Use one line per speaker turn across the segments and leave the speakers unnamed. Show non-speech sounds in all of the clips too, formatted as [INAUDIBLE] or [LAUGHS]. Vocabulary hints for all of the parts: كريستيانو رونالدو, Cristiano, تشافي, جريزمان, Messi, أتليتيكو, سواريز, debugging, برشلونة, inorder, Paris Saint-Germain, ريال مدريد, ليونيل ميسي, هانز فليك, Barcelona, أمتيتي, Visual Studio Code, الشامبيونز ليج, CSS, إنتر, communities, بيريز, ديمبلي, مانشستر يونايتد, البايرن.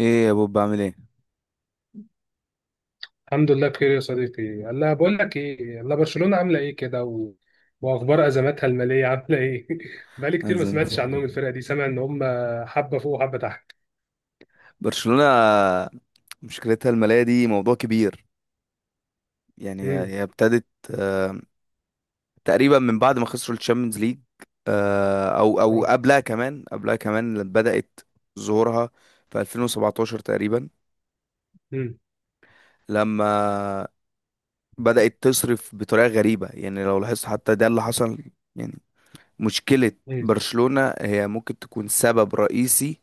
ايه يا بوب، بعمل ايه؟
الحمد لله بخير يا صديقي. هلا بقول لك ايه، هلا برشلونة عامله ايه كده واخبار ازماتها الماليه عامله ايه؟ [LAUGHS] بقالي كتير ما
أنزل.
سمعتش عنهم، الفرقه دي سامع ان هم حبه فوق وحبه تحت.
برشلونة مشكلتها المالية دي موضوع كبير. يعني هي
امم
هي ابتدت تقريبا من بعد ما خسروا الشامبيونز ليج. او
أه.
قبلها كمان بدأت ظهورها في 2017 تقريبا،
امم
لما بدأت تصرف بطريقة غريبة. يعني لو لاحظت حتى ده اللي حصل. يعني مشكلة
امم
برشلونة هي ممكن تكون سبب رئيسي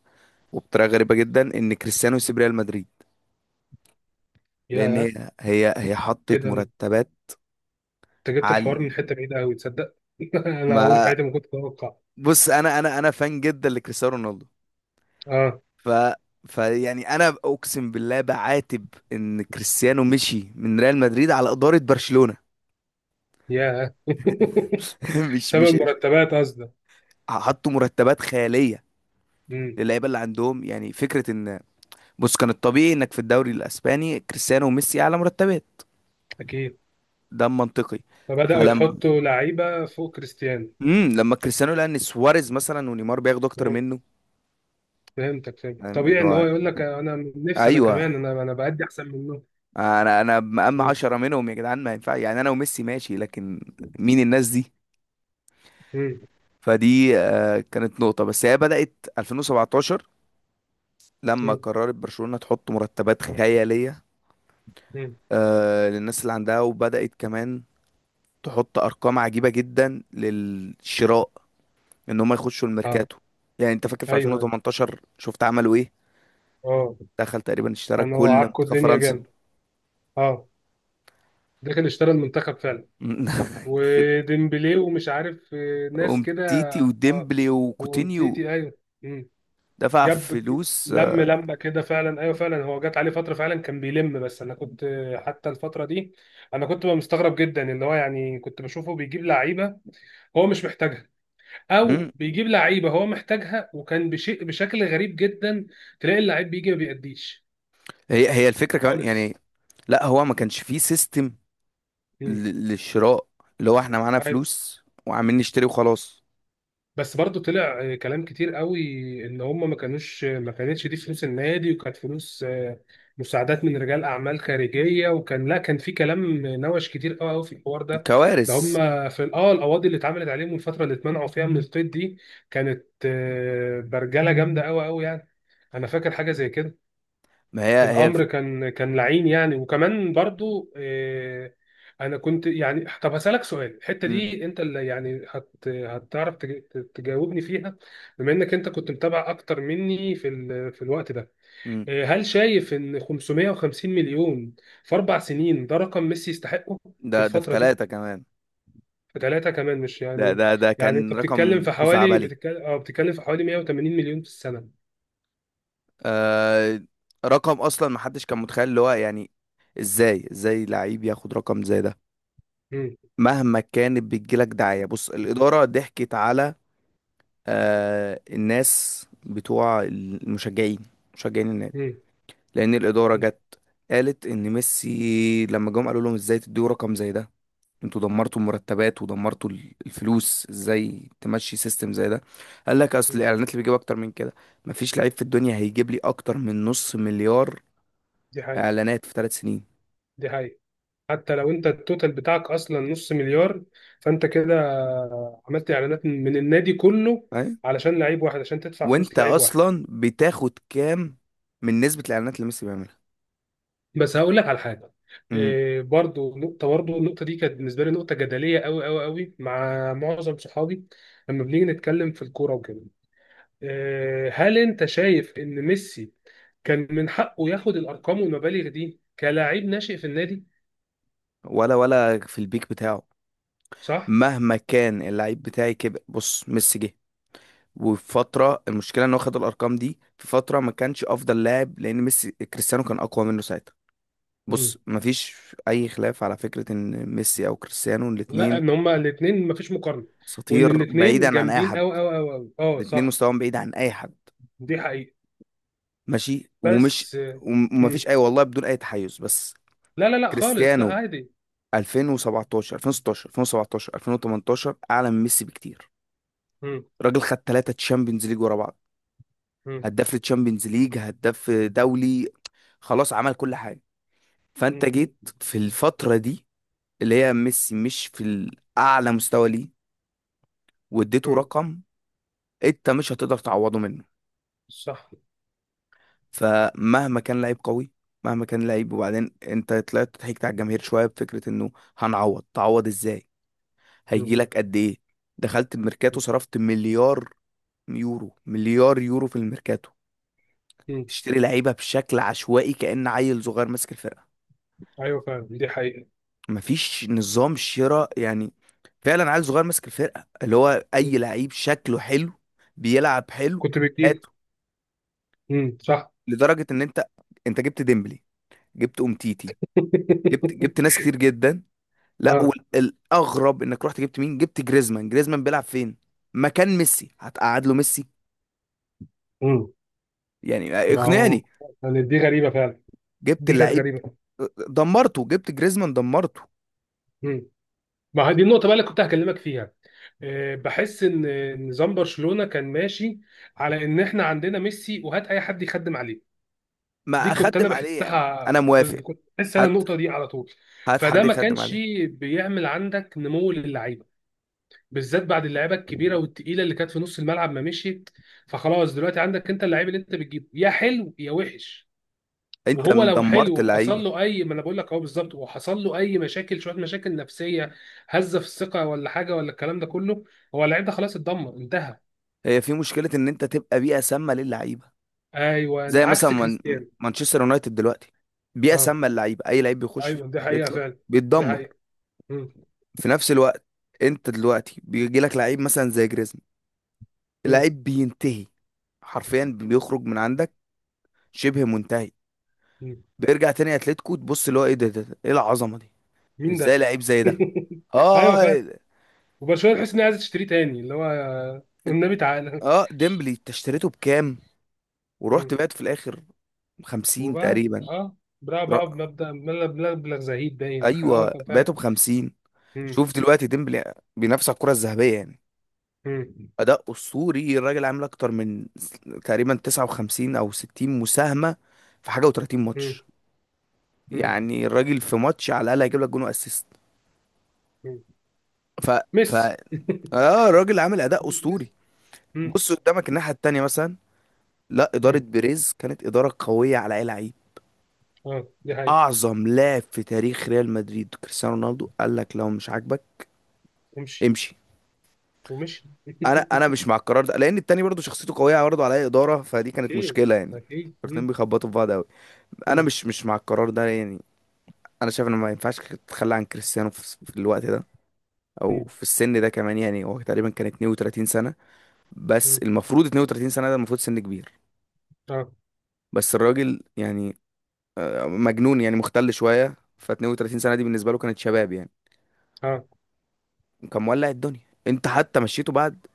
وبطريقة غريبة جدا ان كريستيانو يسيب ريال مدريد، لان
يا
هي حطت
كده انت
مرتبات
جبت
على
الحوار من حته بعيده قوي، تصدق؟ [LAUGHS] انا عمري في
ما.
حياتي ما كنت اتوقع.
بص انا فان جدا لكريستيانو رونالدو،
اه.
ف فيعني انا اقسم بالله بعاتب ان كريستيانو مشي من ريال مدريد على اداره برشلونه.
يا.
[LAUGHS]
[LAUGHS]
مش
سبب
مش
مرتبات قصدك؟
حطوا مرتبات خياليه
امم
للعيبه اللي عندهم. يعني فكره ان، بص، كان الطبيعي انك في الدوري الاسباني كريستيانو وميسي اعلى مرتبات،
اكيد.
ده منطقي.
فبداوا
فلما
يحطوا لعيبه فوق كريستيانو.
لما كريستيانو لقى ان سواريز مثلا ونيمار بياخدوا اكتر منه،
فهمتك فهمتك،
فاهم اللي
طبيعي ان
هو،
هو يقول لك انا نفسي، انا
ايوه،
كمان، انا بأدي احسن منه.
انا مقام
مم.
عشرة منهم يا جدعان، ما ينفع. يعني انا وميسي ماشي، لكن مين الناس دي؟
مم.
فدي كانت نقطة، بس هي بدأت 2017 لما
مم.
قررت برشلونة تحط مرتبات خيالية
مم.
للناس اللي عندها، وبدأت كمان تحط أرقام عجيبة جدا للشراء، إن هم يخشوا
اه.
الميركاتو. يعني أنت فاكر في
ايوه ايوه.
2018 شفت عملوا إيه؟
اه.
دخل تقريبا اشترى
انا هو
كل
عكوا
منتخب
الدنيا
فرنسا.
جامد. اه. داخل اشترى المنتخب فعلا.
[LAUGHS]
وديمبلي ومش عارف ناس كده.
أمتيتي
اه.
وديمبلي وكوتينيو،
وامتيتي، ايوه. مم.
دفع
جاب.
فلوس.
لم لمه كده فعلا، ايوه فعلا، هو جات عليه فتره فعلا كان بيلم. بس انا كنت حتى الفتره دي انا كنت بقى مستغرب جدا. اللي هو يعني كنت بشوفه بيجيب لعيبه هو مش محتاجها، او بيجيب لعيبه هو محتاجها وكان بشيء بشكل غريب جدا. تلاقي اللعيب بيجي ما بيأديش
هي الفكرة كمان،
خالص.
يعني لا، هو ما كانش فيه سيستم
مم.
للشراء، اللي هو احنا معانا
عادي.
فلوس وعاملين نشتري وخلاص.
بس برضو طلع كلام كتير قوي ان هم ما كانتش دي فلوس النادي، وكانت فلوس مساعدات من رجال اعمال خارجيه، وكان، لا، كان في كلام نوش كتير قوي قوي في الحوار ده. ده هم
كوارث.
في اه القواضي اللي اتعملت عليهم والفتره اللي اتمنعوا فيها من القيد دي، كانت برجله جامده قوي قوي يعني. انا فاكر حاجه زي كده.
ما
الامر كان لعين يعني، وكمان برضو انا كنت يعني، طب هسالك سؤال الحته
م-
دي انت اللي يعني هتعرف تجاوبني فيها. بما انك انت كنت متابع اكتر مني في في الوقت ده،
م.
هل شايف ان 550 مليون في 4 سنين ده رقم ميسي يستحقه في
ده ده في
الفتره دي؟
ثلاثة كمان.
في 3 كمان، مش
ده
يعني،
ده ده
يعني انت
كان
بتتكلم
رقم
في حوالي،
خزعبلي.
بتتكلم، اه، بتتكلم في حوالي 180 مليون في السنه.
آه، رقم اصلا ما حدش كان متخيل. اللي هو يعني ازاي لعيب ياخد رقم زي ده؟
امم
مهما كانت بتجيلك دعاية. بص، الإدارة ضحكت على آه الناس بتوع المشجعين، مشجعين النادي،
امم
لان الاداره جت قالت ان ميسي لما جم قالوا لهم ازاي تديوا رقم زي ده؟ انتوا دمرتوا المرتبات ودمرتوا الفلوس، ازاي تمشي سيستم زي ده؟ قال لك اصل الاعلانات اللي بيجيب اكتر من كده، مفيش لعيب في الدنيا هيجيب لي اكتر من نص مليار
دي حقيقه،
اعلانات في ثلاث سنين.
دي حقيقه. حتى لو انت التوتال بتاعك اصلا نص مليار، فانت كده عملت اعلانات من النادي كله
فاهم؟
علشان لعيب واحد، عشان تدفع فلوس
وانت
لعيب واحد.
اصلا بتاخد كام من نسبه الاعلانات اللي ميسي بيعملها؟
بس هقول لك على حاجه.
مم.
إيه، برضو نقطه، برضو النقطه دي كانت بالنسبه لي نقطه جدليه قوي قوي قوي مع معظم صحابي لما بنيجي نتكلم في الكوره وكده. إيه، هل انت شايف ان ميسي كان من حقه ياخد الارقام والمبالغ دي كلاعب ناشئ في النادي؟
ولا في البيك بتاعه.
صح.
مهما كان اللعيب بتاعي كبر. بص، ميسي جه وفي فترة المشكلة ان هو خد الارقام دي في فترة ما كانش افضل لاعب، لان ميسي كريستيانو كان اقوى منه ساعتها. بص، مفيش اي خلاف على فكرة ان ميسي او كريستيانو
لا،
الاتنين
ان هما الاثنين مفيش مقارنه، وان
اساطير
الاثنين
بعيدا عن اي
جامدين
حد.
قوي قوي قوي قوي. اه
الاتنين
صح،
مستواهم بعيد عن اي حد،
دي حقيقه.
ماشي. ومش
بس.
ومفيش
مم.
اي، والله بدون اي تحيز، بس
لا خالص، لا
كريستيانو
عادي.
2017 2016 2017 2018 اعلى من ميسي بكتير.
مم.
راجل خد ثلاثة تشامبيونز ليج ورا بعض،
مم.
هداف للتشامبيونز ليج، هداف دولي، خلاص عمل كل حاجة. فانت
مم.
جيت في الفترة دي، اللي هي ميسي مش في الأعلى مستوى ليه، واديته
مم.
رقم انت مش هتقدر تعوضه منه.
صح.
فمهما كان لعيب قوي، مهما كان لعيب، وبعدين انت طلعت ضحكت على الجماهير شوية بفكرة انه هنعوض. تعوض ازاي؟ هيجي
مم.
لك قد ايه؟ دخلت الميركاتو صرفت مليار يورو، مليار يورو في الميركاتو
مم.
تشتري لعيبة بشكل عشوائي كأن عيل صغير ماسك الفرقة.
ايوه فعلا، دي حقيقه.
مفيش نظام شراء. يعني فعلا عيل صغير ماسك الفرقه، اللي هو
مم.
اي لعيب شكله حلو بيلعب حلو،
كنت بتجيب.
هاته.
مم. صح.
لدرجه ان انت، انت جبت ديمبلي، جبت امتيتي، جبت ناس
[LAUGHS]
كتير جدا. لا،
اه.
والاغرب انك رحت جبت مين؟ جبت جريزمان. جريزمان بيلعب فين؟ مكان ميسي. هتقعد له ميسي؟
مم.
يعني
ما هو
اقنعني.
يعني دي غريبه فعلا،
جبت
دي كانت
اللعيب
غريبه.
دمرته، جبت جريزمان دمرته.
مم. ما هي دي النقطة بقى اللي كنت هكلمك فيها. بحس ان نظام برشلونة كان ماشي على ان احنا عندنا ميسي وهات اي حد يخدم عليه. دي
ما
كنت انا
اخدم عليه يعني.
بحسها،
انا
بس
موافق.
كنت بحس انا
هات،
النقطة دي على طول.
هات
فده
حد
ما
يخدم
كانش
عليه.
بيعمل عندك نمو للعيبة، بالذات بعد اللعيبة الكبيرة والتقيلة اللي كانت في نص الملعب ما مشيت. فخلاص دلوقتي عندك انت اللعيب اللي انت بتجيبه يا حلو يا وحش،
انت
وهو لو
دمرت
حلو وحصل
اللعيبه.
له اي، ما انا بقول لك اهو بالظبط، وحصل له اي مشاكل شويه، مشاكل نفسيه، هزه في الثقه ولا حاجه ولا الكلام ده كله، هو اللعيب ده خلاص اتدمر انتهى.
هي في مشكله ان انت تبقى بيئه سامه للعيبه.
ايوه،
زي مثلا
عكس
من
كريستيانو.
مانشستر يونايتد دلوقتي، بيئه
اه
سامه للعيبه، اي لعيب بيخش فيه
ايوه، دي حقيقه
بيطلع
فعلا، دي
بيتدمر.
حقيقه. مم.
في نفس الوقت، انت دلوقتي بيجي لك لعيب مثلا زي جريزمان،
مم.
اللعيب بينتهي، حرفيا بيخرج من عندك شبه منتهي،
مم.
بيرجع تاني اتلتيكو تبص اللي هو ايه ده, ده, ده، ايه العظمه دي؟
مين
ازاي
ده؟
لعيب زي ده؟
[LAUGHS] ايوه
اه اه
فعلا. وبرشلونه تحس انها عايزه تشتريه تاني، اللي هو والنبي تعالى.
ديمبلي انت اشتريته بكام ورحت
مم.
بعت في الاخر؟ 50
وبقى،
تقريبا.
اه، بقى
ر-
بمبدا مبلغ، مبلغ زهيد، باين اه
ايوه
كان
بعته
فعلا.
ب 50.
مم.
شوف دلوقتي ديمبلي بينافس على الكرة الذهبية. يعني
مم.
أداء أسطوري. الراجل عامل أكتر من تقريبا 59 أو 60 مساهمة في حاجة و30
مم.
ماتش.
مم.
يعني الراجل في ماتش على الأقل هيجيب لك جون وأسيست.
مم.
ف ف
ميسي. [LAUGHS]
آه، الراجل عامل أداء
مم.
أسطوري. بص قدامك الناحية التانية مثلا، لا، إدارة
مم.
بيريز كانت إدارة قوية على أي لعيب.
اه دي حقيقة.
أعظم لاعب في تاريخ ريال مدريد كريستيانو رونالدو قال لك لو مش عاجبك
امشي.
امشي.
ومشي. [LAUGHS]
انا مش مع القرار ده، لان التاني برضه شخصيته قويه، برضه عليا اداره، فدي كانت
اكيد،
مشكله. يعني
اكيد.
الاتنين
مم.
بيخبطوا في بعض قوي. انا
مم.
مش مع القرار ده. يعني انا شايف ان ما ينفعش تتخلى عن كريستيانو في في الوقت ده او
مم.
في السن ده كمان. يعني هو تقريبا كان 32 سنه، بس
مم.
المفروض 32 سنه ده المفروض سن كبير.
اه
بس الراجل يعني مجنون، يعني مختل شويه، ف 32 سنه دي بالنسبه له كانت شباب. يعني
اه.
وكان مولع الدنيا. انت حتى مشيته بعد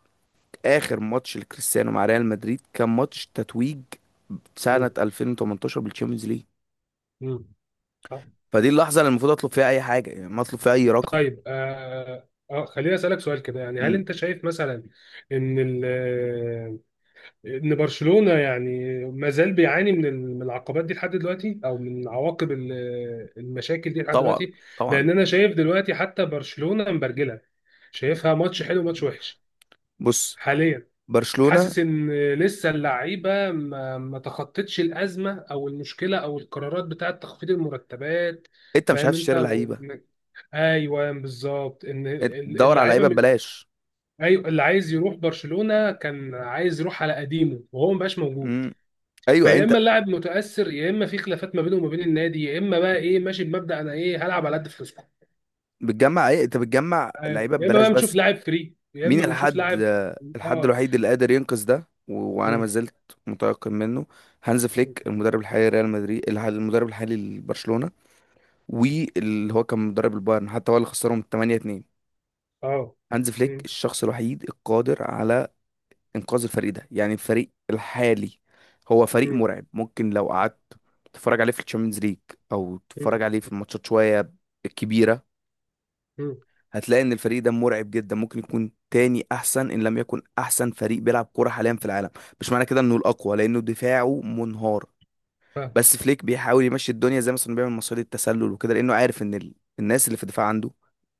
اخر ماتش لكريستيانو مع ريال مدريد، كان ماتش تتويج
مم.
سنة 2018 بالتشامبيونز ليج.
مم. آه.
فدي اللحظة اللي المفروض اطلب فيها اي حاجة، يعني ما اطلب فيها اي رقم.
طيب، اه اه، خليني اسالك سؤال كده. يعني هل
مم.
انت شايف مثلا ان ان برشلونة يعني ما زال بيعاني من من العقبات دي لحد دلوقتي، او من عواقب المشاكل دي لحد
طبعا،
دلوقتي؟
طبعا.
لان انا شايف دلوقتي حتى برشلونة مبرجلة، شايفها ماتش حلو ماتش وحش
بص
حاليا.
برشلونة،
حاسس ان لسه اللعيبه ما تخطتش الازمه او المشكله او القرارات بتاعه تخفيض المرتبات.
انت مش
فاهم
عارف
انت
تشتري لعيبة،
وانك، ايوه بالظبط، ان
انت تدور على
اللعيبه
لعيبة ببلاش.
ايوه، اللي عايز يروح برشلونه كان عايز يروح على قديمه وهو مبقاش موجود.
مم. ايوه
فيا
انت
اما اللاعب متاثر، يا اما في خلافات ما بينه وما بين النادي، يا اما بقى ايه، ماشي بمبدا انا ايه هلعب على قد فلوسكم.
بتجمع ايه؟ انت بتجمع
أيوة.
لعيبة
يا اما
ببلاش
بقى بنشوف
بس.
لاعب فري، يا اما
مين
بنشوف
الحد،
لاعب.
الحد
اه.
الوحيد اللي قادر ينقذ ده، وانا ما
مم.
زلت متيقن منه؟ هانز فليك، المدرب الحالي لريال مدريد، المدرب الحالي لبرشلونة، واللي هو كان مدرب البايرن حتى هو اللي خسرهم 8-2.
اه.
هانز فليك
مم.
الشخص الوحيد القادر على انقاذ الفريق ده، يعني الفريق الحالي هو فريق
مم.
مرعب. ممكن لو قعدت تتفرج عليه في الشامبيونز ليج او تتفرج عليه في الماتشات شويه الكبيره،
مم.
هتلاقي ان الفريق ده مرعب جدا. ممكن يكون تاني احسن، ان لم يكن احسن فريق بيلعب كوره حاليا في العالم. مش معنى كده انه الاقوى لانه دفاعه منهار،
فاهم.
بس فليك بيحاول يمشي الدنيا زي مثلا بيعمل مصيدة التسلل وكده، لانه عارف ان الناس اللي في الدفاع عنده،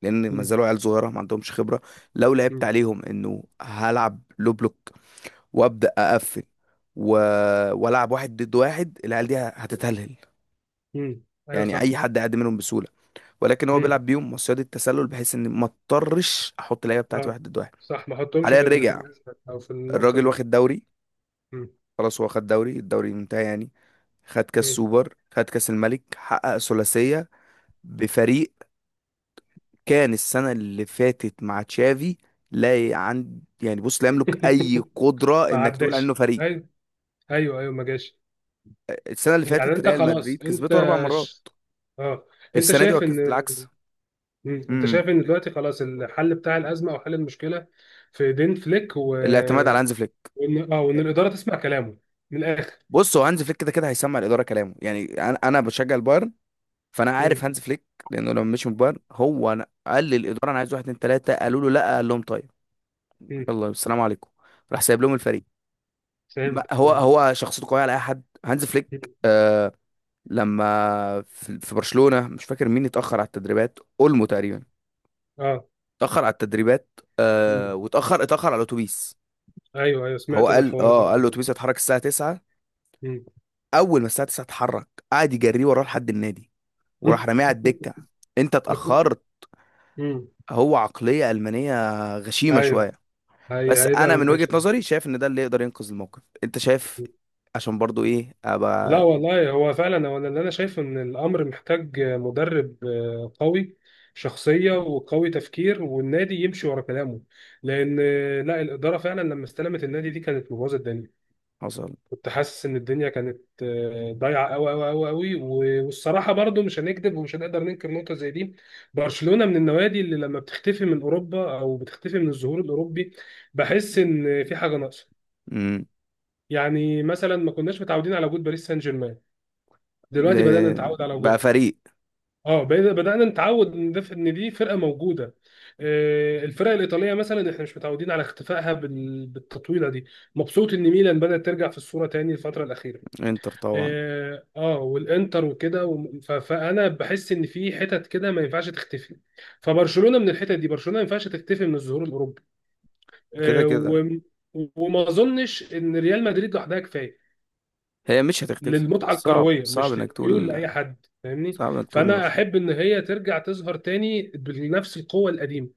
لان ما
مم.
زالوا عيال صغيره ما عندهمش خبره. لو لعبت
مم.
عليهم انه هلعب لو بلوك وابدا اقفل و... والعب واحد ضد واحد، العيال دي هتتهلهل.
مم. ايوه
يعني
صح.
اي حد يعدي منهم بسهوله. ولكن هو
مم.
بيلعب بيهم مصيدة التسلل بحيث ان ما اضطرش احط اللعيبه بتاعتي
اه
واحد ضد واحد.
صح، ما احطهمش
حاليا
في في
رجع
الازمه او في النقطه
الراجل،
دي.
واخد دوري.
مم.
خلاص هو خد دوري، الدوري انتهى يعني. خد كاس
مم.
سوبر، خد كاس الملك، حقق ثلاثيه بفريق كان السنة اللي فاتت مع تشافي لا ي- عند. يعني بص، لا يملك
[LAUGHS]
أي قدرة
ما
إنك تقول عنه
عداش،
فريق.
ايوه ايوه ايوه، ما جاش.
السنة اللي
يعني
فاتت
انت
ريال
خلاص
مدريد
انت
كسبته أربع مرات،
ش... اه، انت
السنة دي
شايف ان،
العكس.
مم، انت
امم،
شايف ان دلوقتي خلاص الحل بتاع الازمه او حل المشكله في ايدين فليك
الاعتماد على هانز فليك.
وان اه وان الاداره تسمع كلامه من الاخر؟
بص هو هانز فليك كده كده هيسمع الإدارة كلامه. يعني أنا بشجع البايرن، فأنا
مم.
عارف هانز فليك. لأنه لما مشي من البايرن هو، أنا قال للإدارة أنا عايز واحد اتنين تلاتة، قالوا له لأ، قال لهم طيب
مم.
يلا السلام عليكم، راح سايب لهم الفريق.
فهمت
هو
فهمت
هو شخصيته قوية على أي حد، هانز فليك.
مم.
آه، لما في في برشلونة، مش فاكر مين اتأخر على التدريبات، اولمو تقريبا،
اه.
اتأخر على التدريبات.
مم.
آه، اتأخر على الاتوبيس.
ايوه ايوه،
هو
سمعت انا
قال،
الحوار ده
اه قال،
قبل كده.
الاتوبيس هيتحرك الساعة 9. اول ما الساعة 9 اتحرك، قعد يجريه وراه لحد النادي، وراح
مم.
راميه على
[LAUGHS]
الدكة. انت اتأخرت.
مم.
هو عقلية ألمانية غشيمة
ايوه،
شوية.
هي
بس انا
هيبقى
من وجهة
ماشي.
نظري شايف ان ده اللي يقدر ينقذ الموقف، انت شايف، عشان برضو ايه
لا
ابقى.
والله، هو فعلا هو اللي انا شايفه ان الامر محتاج مدرب قوي شخصيه وقوي تفكير، والنادي يمشي ورا كلامه. لان لا الاداره فعلا لما استلمت النادي دي كانت مبوظه الدنيا.
حصل.
كنت حاسس ان الدنيا كانت ضايعه قوي قوي قوي قوي. والصراحه برضو، مش هنكذب ومش هنقدر ننكر نقطه زي دي، برشلونه من النوادي اللي لما بتختفي من اوروبا او بتختفي من الظهور الاوروبي بحس ان في حاجه ناقصه.
امم.
يعني مثلا ما كناش متعودين على وجود باريس سان جيرمان، دلوقتي بدأنا
ده-
نتعود على
بقى
وجودها.
فريق.
اه، بقينا، بدأنا نتعود ان ده، ان دي فرقة موجودة. الفرق الإيطالية مثلا احنا مش متعودين على اختفائها بالتطويلة دي. مبسوط ان ميلان بدأت ترجع في الصورة تاني الفترة الأخيرة.
انتر طبعا.
اه، والإنتر وكده فأنا بحس ان في حتت كده ما ينفعش تختفي. فبرشلونة من الحتت دي، برشلونة ما ينفعش تختفي من الظهور الأوروبي.
كده
آه،
كده
و- وما اظنش ان ريال مدريد لوحدها كفايه
هي مش هتختفي.
للمتعه
صعب،
الكرويه،
صعب
مش
انك
للميول
تقول،
لاي حد فاهمني.
صعب انك تقول
فانا
المرشد.
احب ان هي ترجع تظهر تاني بنفس القوه القديمه،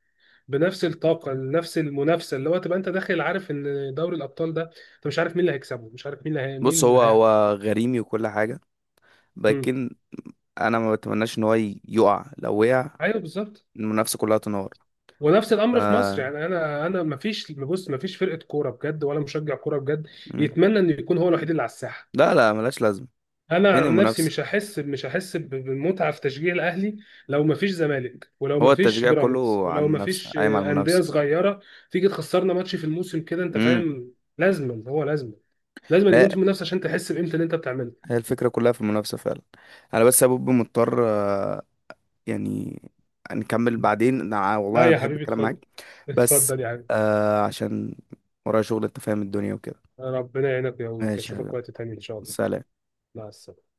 بنفس الطاقه، نفس المنافسه، اللي هو تبقى انت داخل عارف ان دوري الابطال ده انت مش عارف مين اللي هيكسبه، مش عارف مين اللي مين
بص،
اللي
هو
هيعمل.
هو غريمي وكل حاجة،
مم.
لكن انا ما بتمناش ان هو يقع. لو وقع،
ايوه بالظبط.
المنافسة كلها تنهار.
ونفس
ف...
الامر في مصر يعني. انا ما فيش، بص، ما فيش فرقه كوره بجد ولا مشجع كوره بجد
مم.
يتمنى انه يكون هو الوحيد اللي على الساحه.
لا لا، ملاش لازمة.
انا
فين
عن نفسي
المنافسة؟
مش هحس، مش هحس بالمتعه في تشجيع الاهلي لو ما فيش زمالك، ولو
هو
ما فيش
التشجيع
بيراميدز،
كله على
ولو ما
المنافسة،
فيش
قايم على
انديه
المنافسة.
صغيره تيجي تخسرنا ماتش في الموسم كده، انت
امم.
فاهم. لازما، هو لازما، لازما
هي
يكون في منافسه عشان تحس بقيمه اللي انت بتعمله.
هي الفكرة كلها في المنافسة فعلا. انا بس يا بوب مضطر، يعني نكمل بعدين. والله
لا
انا
يا
بحب
حبيبي
الكلام
اتفضل،
معاك بس،
اتفضل يا حبيبي.
آه عشان ورايا شغل، انت فاهم الدنيا وكده.
ربنا يعينك يا ويك،
ماشي يا
اشوفك
حبيبي،
وقت تاني ان شاء الله.
سلام.
مع السلامه.